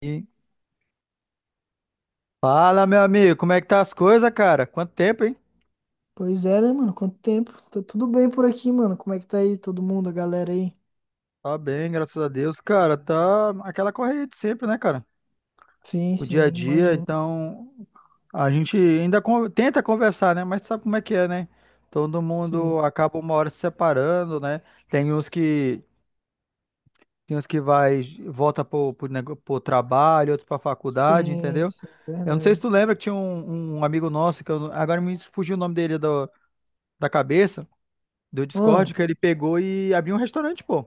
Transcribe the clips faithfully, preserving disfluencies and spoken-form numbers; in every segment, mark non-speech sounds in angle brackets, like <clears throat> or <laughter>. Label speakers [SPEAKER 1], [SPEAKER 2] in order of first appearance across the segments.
[SPEAKER 1] E Fala, meu amigo, como é que tá as coisas, cara? Quanto tempo, hein?
[SPEAKER 2] Pois é, né, mano? Quanto tempo? Tá tudo bem por aqui, mano. Como é que tá aí todo mundo, a galera aí?
[SPEAKER 1] Tá bem, graças a Deus, cara. Tá aquela correria de sempre, né, cara?
[SPEAKER 2] Sim,
[SPEAKER 1] O dia a
[SPEAKER 2] sim,
[SPEAKER 1] dia,
[SPEAKER 2] imagino.
[SPEAKER 1] então a gente ainda con- tenta conversar, né? Mas sabe como é que é, né? Todo
[SPEAKER 2] Sim,
[SPEAKER 1] mundo acaba uma hora se separando, né? Tem uns que tem uns que vai volta pro, pro, nego- pro trabalho, outros pra faculdade,
[SPEAKER 2] sim,
[SPEAKER 1] entendeu?
[SPEAKER 2] sim,
[SPEAKER 1] Eu não sei se
[SPEAKER 2] verdade.
[SPEAKER 1] tu lembra que tinha um, um amigo nosso que eu, agora me fugiu o nome dele do- da cabeça. Do Discord
[SPEAKER 2] Ah,
[SPEAKER 1] que ele pegou e abriu um restaurante, pô.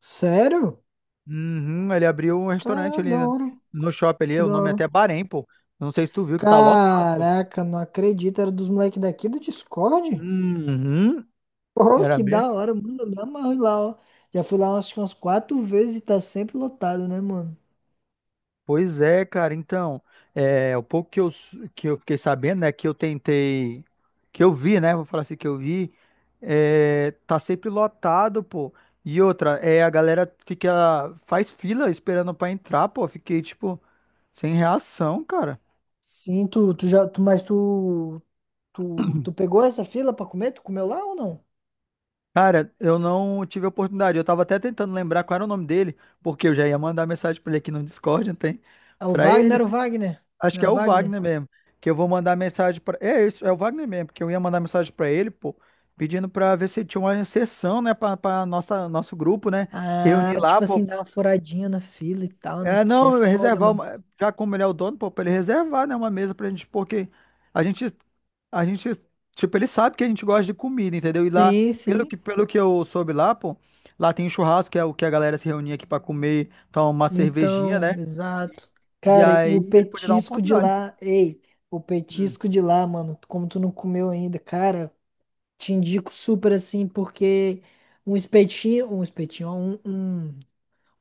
[SPEAKER 2] sério?
[SPEAKER 1] Uhum, ele abriu um restaurante
[SPEAKER 2] Caralho,
[SPEAKER 1] ali
[SPEAKER 2] da hora.
[SPEAKER 1] no shopping ali,
[SPEAKER 2] Que
[SPEAKER 1] o
[SPEAKER 2] da
[SPEAKER 1] nome é
[SPEAKER 2] hora.
[SPEAKER 1] até Bahrein, pô. Não sei se tu viu que tá lotado, pô.
[SPEAKER 2] Caraca, não acredito. Era dos moleques daqui do Discord?
[SPEAKER 1] Uhum,
[SPEAKER 2] Pô,
[SPEAKER 1] era
[SPEAKER 2] que
[SPEAKER 1] mesmo?
[SPEAKER 2] da hora, mano. Eu me amarro lá, ó. Já fui lá acho que umas quatro vezes e tá sempre lotado, né, mano?
[SPEAKER 1] Pois é, cara. Então, é, o pouco que eu, s- que eu fiquei sabendo, né, que eu tentei, que eu vi, né, vou falar assim, que eu vi, é, tá sempre lotado, pô. E outra, é, a galera fica, faz fila esperando pra entrar, pô. Fiquei, tipo, sem reação, cara.
[SPEAKER 2] Sim, tu, tu já, tu, mas tu, tu, tu pegou essa fila pra comer? Tu comeu lá ou não?
[SPEAKER 1] Cara, eu não tive a oportunidade. Eu tava até tentando lembrar qual era o nome dele, porque eu já ia mandar mensagem pra ele aqui no Discord, não tem?
[SPEAKER 2] É o
[SPEAKER 1] Pra
[SPEAKER 2] Wagner, não
[SPEAKER 1] ele,
[SPEAKER 2] era o Wagner?
[SPEAKER 1] acho
[SPEAKER 2] Não
[SPEAKER 1] que é
[SPEAKER 2] era o
[SPEAKER 1] o
[SPEAKER 2] Wagner?
[SPEAKER 1] Wagner mesmo, que eu vou mandar mensagem pra. É isso, é o Wagner mesmo, porque eu ia mandar mensagem pra ele, pô, pedindo pra ver se tinha uma sessão, né, pra, pra nossa nosso grupo, né,
[SPEAKER 2] Ah,
[SPEAKER 1] reunir lá,
[SPEAKER 2] tipo assim,
[SPEAKER 1] pô,
[SPEAKER 2] dá uma furadinha na fila e tal, né?
[SPEAKER 1] é,
[SPEAKER 2] Porque é
[SPEAKER 1] não, eu
[SPEAKER 2] foda,
[SPEAKER 1] reservar,
[SPEAKER 2] mano.
[SPEAKER 1] uma- já como ele é o dono, pô, pra ele reservar, né, uma mesa pra gente, porque a gente, a gente, tipo, ele sabe que a gente gosta de comida, entendeu? E lá,
[SPEAKER 2] Sim,
[SPEAKER 1] pelo que,
[SPEAKER 2] sim.
[SPEAKER 1] pelo que eu soube lá, pô, lá tem um churrasco, que é o que a galera se reunia aqui pra comer, tomar uma cervejinha, né?
[SPEAKER 2] Então, exato.
[SPEAKER 1] E
[SPEAKER 2] Cara, e
[SPEAKER 1] aí
[SPEAKER 2] o
[SPEAKER 1] ele podia dar uma
[SPEAKER 2] petisco de
[SPEAKER 1] oportunidade.
[SPEAKER 2] lá, ei, o
[SPEAKER 1] Hum,
[SPEAKER 2] petisco de lá, mano, como tu não comeu ainda, cara, te indico super assim, porque um espetinho, um espetinho, ó, um, um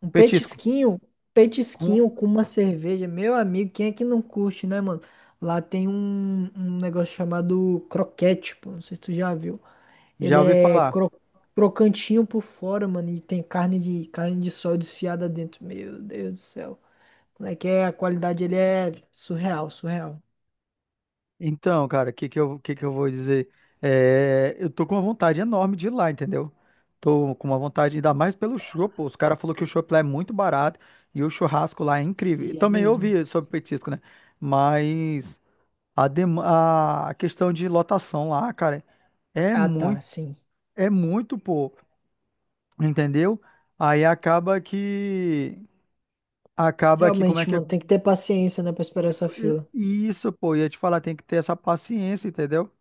[SPEAKER 2] Um
[SPEAKER 1] petisco,
[SPEAKER 2] petisquinho,
[SPEAKER 1] Com-
[SPEAKER 2] petisquinho com uma cerveja. Meu amigo, quem é que não curte, né, mano? Lá tem um, um negócio chamado croquete, pô. Não sei se tu já viu.
[SPEAKER 1] já
[SPEAKER 2] Ele
[SPEAKER 1] ouvi
[SPEAKER 2] é
[SPEAKER 1] falar.
[SPEAKER 2] cro- crocantinho por fora, mano. E tem carne de, carne de sol desfiada dentro. Meu Deus do céu. Como é que é? A qualidade, ele é surreal, surreal.
[SPEAKER 1] Então, cara, o que que eu, que que eu vou dizer? É, eu tô com uma vontade enorme de ir lá, entendeu? Tô com uma vontade, ainda mais pelo chopp. Os caras falaram que o chopp lá é muito barato e o churrasco lá é incrível. E
[SPEAKER 2] E é
[SPEAKER 1] também eu
[SPEAKER 2] mesmo.
[SPEAKER 1] ouvi sobre petisco, né? Mas a, dem- a questão de lotação lá, cara, é
[SPEAKER 2] Ah, tá,
[SPEAKER 1] muito,
[SPEAKER 2] sim.
[SPEAKER 1] é muito, pô, entendeu? Aí acaba que, acaba que, como é
[SPEAKER 2] Realmente,
[SPEAKER 1] que é?
[SPEAKER 2] mano, tem que ter paciência, né, pra esperar essa fila.
[SPEAKER 1] Isso, pô, ia te falar, tem que ter essa paciência, entendeu?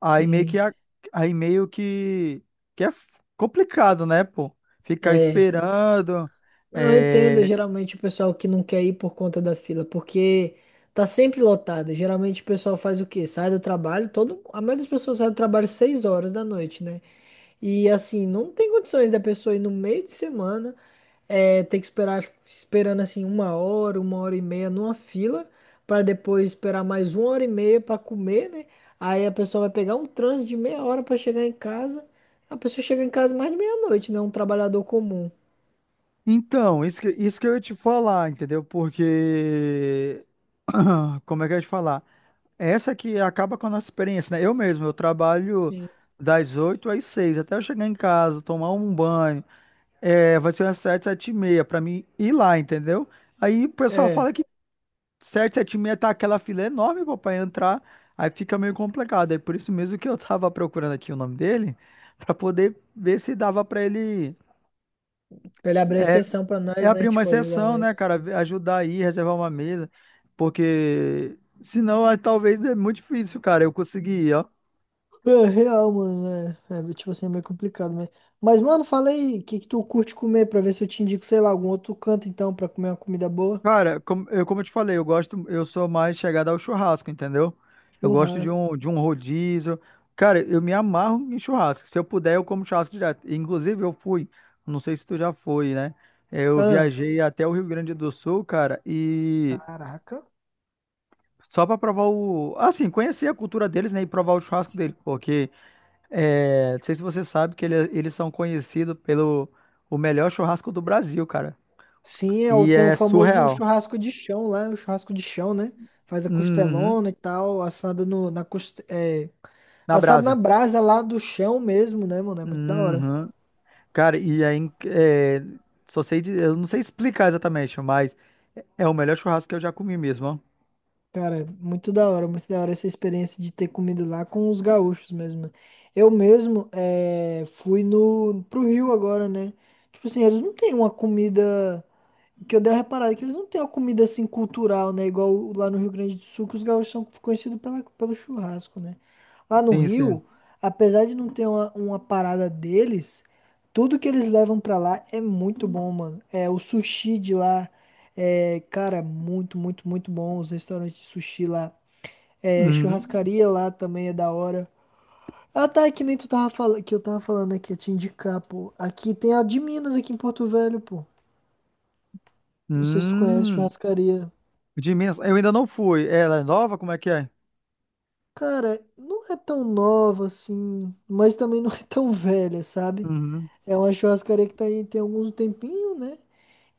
[SPEAKER 1] Aí meio que
[SPEAKER 2] Sim.
[SPEAKER 1] a- aí meio que, que é f- complicado, né, pô? Ficar
[SPEAKER 2] É.
[SPEAKER 1] esperando.
[SPEAKER 2] Não, eu entendo
[SPEAKER 1] É.
[SPEAKER 2] geralmente o pessoal que não quer ir por conta da fila, porque tá sempre lotado. Geralmente o pessoal faz o quê? Sai do trabalho, todo, a maioria das pessoas sai do trabalho seis horas da noite, né? E assim, não tem condições da pessoa ir no meio de semana, é, ter que esperar, esperando assim uma hora, uma hora e meia numa fila, para depois esperar mais uma hora e meia para comer, né? Aí a pessoa vai pegar um trânsito de meia hora para chegar em casa. A pessoa chega em casa mais de meia-noite, né? Um trabalhador comum.
[SPEAKER 1] Então, isso que, isso que eu ia te falar, entendeu? Porque. <clears throat> Como é que eu ia te falar? Essa que acaba com a nossa experiência, né? Eu mesmo, eu trabalho
[SPEAKER 2] Sim.
[SPEAKER 1] das oito às seis até eu chegar em casa, tomar um banho. É, vai ser umas sete sete e meia pra mim ir lá, entendeu? Aí o pessoal
[SPEAKER 2] É.
[SPEAKER 1] fala que. sete sete seis tá aquela fila enorme, pô, pra entrar. Aí fica meio complicado. É por isso mesmo que eu <laughs> tava procurando aqui o nome dele, pra poder ver se dava pra ele
[SPEAKER 2] Pra ele abrir
[SPEAKER 1] é,
[SPEAKER 2] exceção pra
[SPEAKER 1] é
[SPEAKER 2] nós,
[SPEAKER 1] abrir
[SPEAKER 2] né?
[SPEAKER 1] uma
[SPEAKER 2] Tipo, ajudar
[SPEAKER 1] exceção, né,
[SPEAKER 2] nós.
[SPEAKER 1] cara? Ver- Ajudar aí, reservar uma mesa. Porque senão ah, talvez é muito difícil, cara, eu conseguir.
[SPEAKER 2] É, real, mano, né? É, é, tipo assim, é meio complicado, né? Mas, mano, fala aí, o que que tu curte comer pra ver se eu te indico, sei lá, algum outro canto, então, pra comer uma comida boa?
[SPEAKER 1] Cara, como eu, como eu te falei, eu gosto, eu sou mais chegada ao churrasco, entendeu? Eu gosto de
[SPEAKER 2] Churrasco.
[SPEAKER 1] um, de um rodízio. Cara, eu me amarro em churrasco. Se eu puder, eu como churrasco direto. Inclusive, eu fui, não sei se tu já foi, né? Eu
[SPEAKER 2] Ah,
[SPEAKER 1] viajei até o Rio Grande do Sul, cara, e
[SPEAKER 2] caraca.
[SPEAKER 1] só pra provar o. Assim, conhecer a cultura deles, né? E provar o churrasco deles, porque é, não sei se você sabe que ele- eles são conhecidos pelo o melhor churrasco do Brasil, cara.
[SPEAKER 2] Sim, é, o-
[SPEAKER 1] E
[SPEAKER 2] tem o
[SPEAKER 1] é
[SPEAKER 2] famoso
[SPEAKER 1] surreal.
[SPEAKER 2] churrasco de chão lá, o churrasco de chão, né? Faz a
[SPEAKER 1] Uhum,
[SPEAKER 2] costelona e tal, assada no, na, coste- é,
[SPEAKER 1] na
[SPEAKER 2] assado na
[SPEAKER 1] brasa.
[SPEAKER 2] brasa lá do chão mesmo, né, mano? É muito da hora.
[SPEAKER 1] Uhum. Cara, e aí, é, só sei, de- eu não sei explicar exatamente, mas é o melhor churrasco que eu já comi mesmo, ó.
[SPEAKER 2] Cara, muito da hora, muito da hora essa experiência de ter comido lá com os gaúchos mesmo. Eu mesmo eh, fui no, pro Rio agora, né? Tipo assim, eles não têm uma comida que eu dei uma reparada é que eles não têm uma comida assim cultural, né? Igual lá no Rio Grande do Sul, que os gaúchos são conhecidos pela, pelo churrasco, né? Lá no
[SPEAKER 1] Sim, sim.
[SPEAKER 2] Rio, apesar de não ter uma, uma parada deles, tudo que eles levam pra lá é muito bom, mano. É o sushi de lá, é, cara, muito, muito, muito bom. Os restaurantes de sushi lá, é,
[SPEAKER 1] Uhum.
[SPEAKER 2] churrascaria lá também é da hora. Ah, tá, é que nem tu tava falando, que eu tava falando aqui, eu te indicar, pô. Aqui tem a de Minas, aqui em Porto Velho, pô. Não sei se tu conhece
[SPEAKER 1] Hum,
[SPEAKER 2] churrascaria.
[SPEAKER 1] de Minas, eu ainda não fui. Ela é nova? Como é que é?
[SPEAKER 2] Cara, não é tão nova assim, mas também não é tão velha, sabe?
[SPEAKER 1] Uhum.
[SPEAKER 2] É uma churrascaria que tá aí tem algum tempinho, né?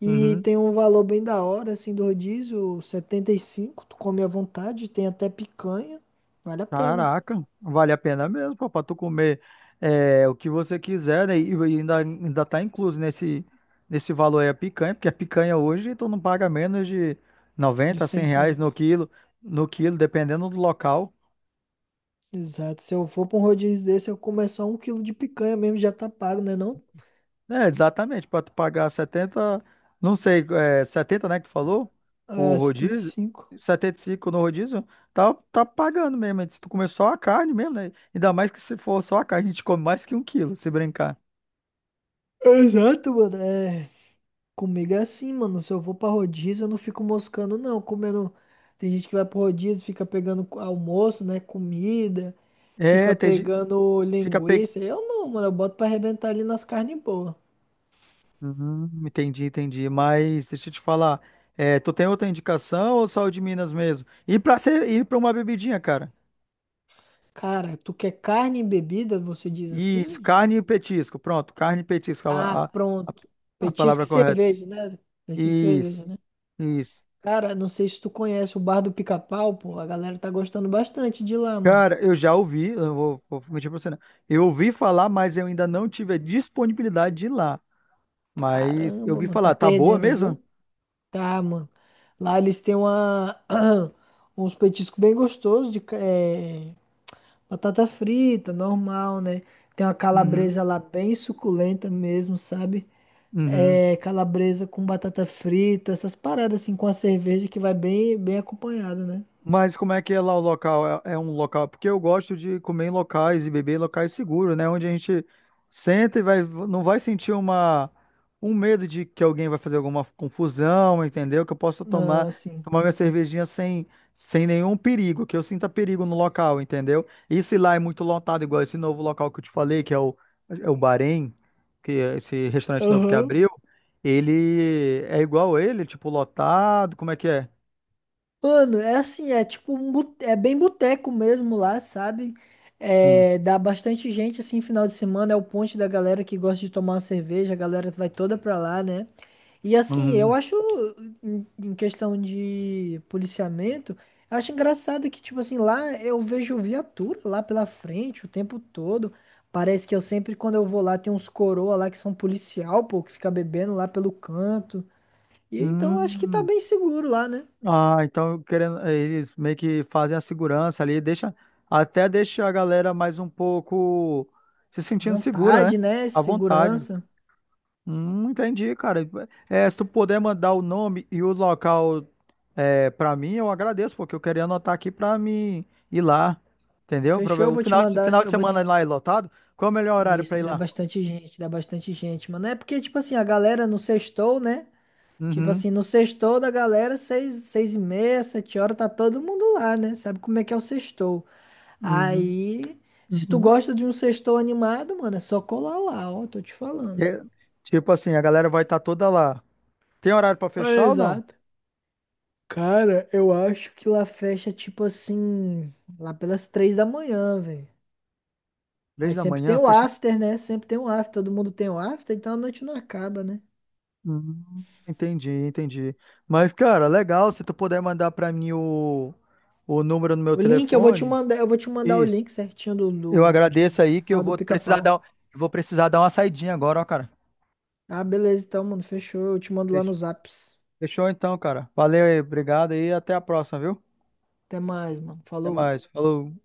[SPEAKER 2] E
[SPEAKER 1] Uhum.
[SPEAKER 2] tem um valor bem da hora, assim, do rodízio, setenta e cinco. Tu come à vontade, tem até picanha, vale a pena,
[SPEAKER 1] Caraca, vale a pena mesmo, pô, pra tu comer é, o que você quiser, né? E e ainda, ainda tá incluso nesse, nesse valor aí a picanha, porque a picanha hoje tu não paga menos de
[SPEAKER 2] de
[SPEAKER 1] noventa,
[SPEAKER 2] cem
[SPEAKER 1] cem reais
[SPEAKER 2] conto.
[SPEAKER 1] no quilo, no quilo, dependendo do local.
[SPEAKER 2] Exato, se eu for pra um rodízio desse, eu comer só um quilo de picanha mesmo, já tá pago, né não?
[SPEAKER 1] É, exatamente, para tu pagar setenta não sei, é, setenta, né, que tu falou? O
[SPEAKER 2] É, setenta e
[SPEAKER 1] rodízio,
[SPEAKER 2] cinco.
[SPEAKER 1] setenta e cinco no rodízio, tá, tá pagando mesmo. Se tu comer só a carne mesmo, né? Ainda mais que se for só a carne, a gente come mais que um quilo, se brincar.
[SPEAKER 2] Exato, mano, é, comigo é assim, mano. Se eu vou pra rodízio, eu não fico moscando, não. Comendo. Tem gente que vai pro rodízio, fica pegando co- almoço, né? Comida,
[SPEAKER 1] É,
[SPEAKER 2] fica
[SPEAKER 1] entendi.
[SPEAKER 2] pegando
[SPEAKER 1] Fica pe...
[SPEAKER 2] linguiça. Eu não, mano. Eu boto pra arrebentar ali nas carnes boas.
[SPEAKER 1] Uhum, entendi, entendi. Mas deixa eu te falar, é, tu tem outra indicação ou só o de Minas mesmo? E para ser, ir para uma bebidinha, cara.
[SPEAKER 2] Cara, tu quer carne e bebida? Você diz
[SPEAKER 1] Isso,
[SPEAKER 2] assim?
[SPEAKER 1] carne e petisco. Pronto, carne e petisco,
[SPEAKER 2] Ah,
[SPEAKER 1] a, a,
[SPEAKER 2] pronto.
[SPEAKER 1] a
[SPEAKER 2] Petisco e
[SPEAKER 1] palavra correta.
[SPEAKER 2] cerveja, né? Petisco e
[SPEAKER 1] Isso.
[SPEAKER 2] cerveja, né?
[SPEAKER 1] Isso.
[SPEAKER 2] Cara, não sei se tu conhece o Bar do Pica-Pau, pô. A galera tá gostando bastante de lá, mano.
[SPEAKER 1] Cara, eu já ouvi, eu não vou, vou mentir pra você, não. Eu ouvi falar, mas eu ainda não tive a disponibilidade de ir lá. Mas eu
[SPEAKER 2] Caramba,
[SPEAKER 1] ouvi
[SPEAKER 2] mano. Tá
[SPEAKER 1] falar, tá boa
[SPEAKER 2] perdendo,
[SPEAKER 1] mesmo?
[SPEAKER 2] viu? Tá, mano. Lá eles têm uma, <clears throat> uns petiscos bem gostosos de ca- eh, batata frita, normal, né? Tem uma
[SPEAKER 1] Uhum,
[SPEAKER 2] calabresa lá bem suculenta mesmo, sabe?
[SPEAKER 1] uhum.
[SPEAKER 2] É, calabresa com batata frita, essas paradas assim com a cerveja que vai bem, bem acompanhado, né?
[SPEAKER 1] Mas como é que é lá o local? É, é um local? Porque eu gosto de comer em locais e beber em locais seguros, né? Onde a gente senta e vai, não vai sentir uma, um medo de que alguém vai fazer alguma confusão, entendeu? Que eu possa tomar,
[SPEAKER 2] Ah, sim.
[SPEAKER 1] tomar minha cervejinha sem, sem nenhum perigo, que eu sinta perigo no local, entendeu? E se lá é muito lotado, igual esse novo local que eu te falei, que é o, é o Bahrein, que é esse restaurante novo que
[SPEAKER 2] Aham.
[SPEAKER 1] abriu, ele é igual ele, tipo, lotado, como é que é?
[SPEAKER 2] Mano, é assim, é tipo um bute- é bem boteco mesmo lá, sabe?
[SPEAKER 1] Sim.
[SPEAKER 2] É, dá bastante gente assim, final de semana é o ponte da galera que gosta de tomar uma cerveja, a galera vai toda pra lá, né? E assim, eu
[SPEAKER 1] Uhum.
[SPEAKER 2] acho em em questão de policiamento, eu acho engraçado que tipo assim, lá eu vejo viatura lá pela frente o tempo todo. Parece que eu sempre quando eu vou lá tem uns coroa lá que são policial, pô, que fica bebendo lá pelo canto. E então eu acho que tá
[SPEAKER 1] Hum,
[SPEAKER 2] bem seguro lá, né?
[SPEAKER 1] ah, então querendo, eh, eles meio que fazem a segurança ali, deixa, até deixa a galera mais um pouco se sentindo segura, né?
[SPEAKER 2] Vontade, né?
[SPEAKER 1] À vontade.
[SPEAKER 2] Segurança.
[SPEAKER 1] Hum, entendi, cara. É, se tu puder mandar o nome e o local é, para mim, eu agradeço, porque eu queria anotar aqui pra mim ir lá, entendeu? Pra ver
[SPEAKER 2] Fechou, eu
[SPEAKER 1] o
[SPEAKER 2] vou te
[SPEAKER 1] final de,
[SPEAKER 2] mandar.
[SPEAKER 1] final de
[SPEAKER 2] Eu vou.
[SPEAKER 1] semana lá é lotado, qual é o melhor horário pra
[SPEAKER 2] Isso,
[SPEAKER 1] ir
[SPEAKER 2] dá
[SPEAKER 1] lá?
[SPEAKER 2] bastante gente, dá bastante gente, mano. É porque, tipo assim, a galera no sextou, né? Tipo
[SPEAKER 1] Uhum,
[SPEAKER 2] assim, no sextou da galera, seis, seis e meia, sete horas, tá todo mundo lá, né? Sabe como é que é o sextou.
[SPEAKER 1] uhum,
[SPEAKER 2] Aí, se tu
[SPEAKER 1] uhum.
[SPEAKER 2] gosta de um sextou animado, mano, é só colar lá, ó, tô te falando.
[SPEAKER 1] É, tipo assim, a galera vai estar toda lá. Tem horário pra
[SPEAKER 2] É,
[SPEAKER 1] fechar ou não?
[SPEAKER 2] exato. Cara, eu acho que lá fecha, tipo assim, lá pelas três da manhã, velho.
[SPEAKER 1] Três
[SPEAKER 2] Mas
[SPEAKER 1] da
[SPEAKER 2] sempre
[SPEAKER 1] manhã,
[SPEAKER 2] tem o
[SPEAKER 1] fecha.
[SPEAKER 2] after, né? Sempre tem o after, todo mundo tem o after, então a noite não acaba, né?
[SPEAKER 1] Hum, entendi, entendi. Mas, cara, legal, se tu puder mandar pra mim o, o número no meu
[SPEAKER 2] O link eu vou te
[SPEAKER 1] telefone.
[SPEAKER 2] mandar, eu vou te mandar o
[SPEAKER 1] Isso.
[SPEAKER 2] link certinho do,
[SPEAKER 1] Eu
[SPEAKER 2] do
[SPEAKER 1] agradeço aí que eu
[SPEAKER 2] lá do
[SPEAKER 1] vou precisar dar,
[SPEAKER 2] Pica-Pau.
[SPEAKER 1] eu vou precisar dar uma saidinha agora, ó, cara.
[SPEAKER 2] Ah, beleza, então, mano, fechou. Eu te mando lá
[SPEAKER 1] Fech-
[SPEAKER 2] nos apps.
[SPEAKER 1] Fechou então, cara. Valeu aí, obrigado aí, até a próxima, viu?
[SPEAKER 2] Até mais, mano.
[SPEAKER 1] Até
[SPEAKER 2] Falou.
[SPEAKER 1] mais. Falou.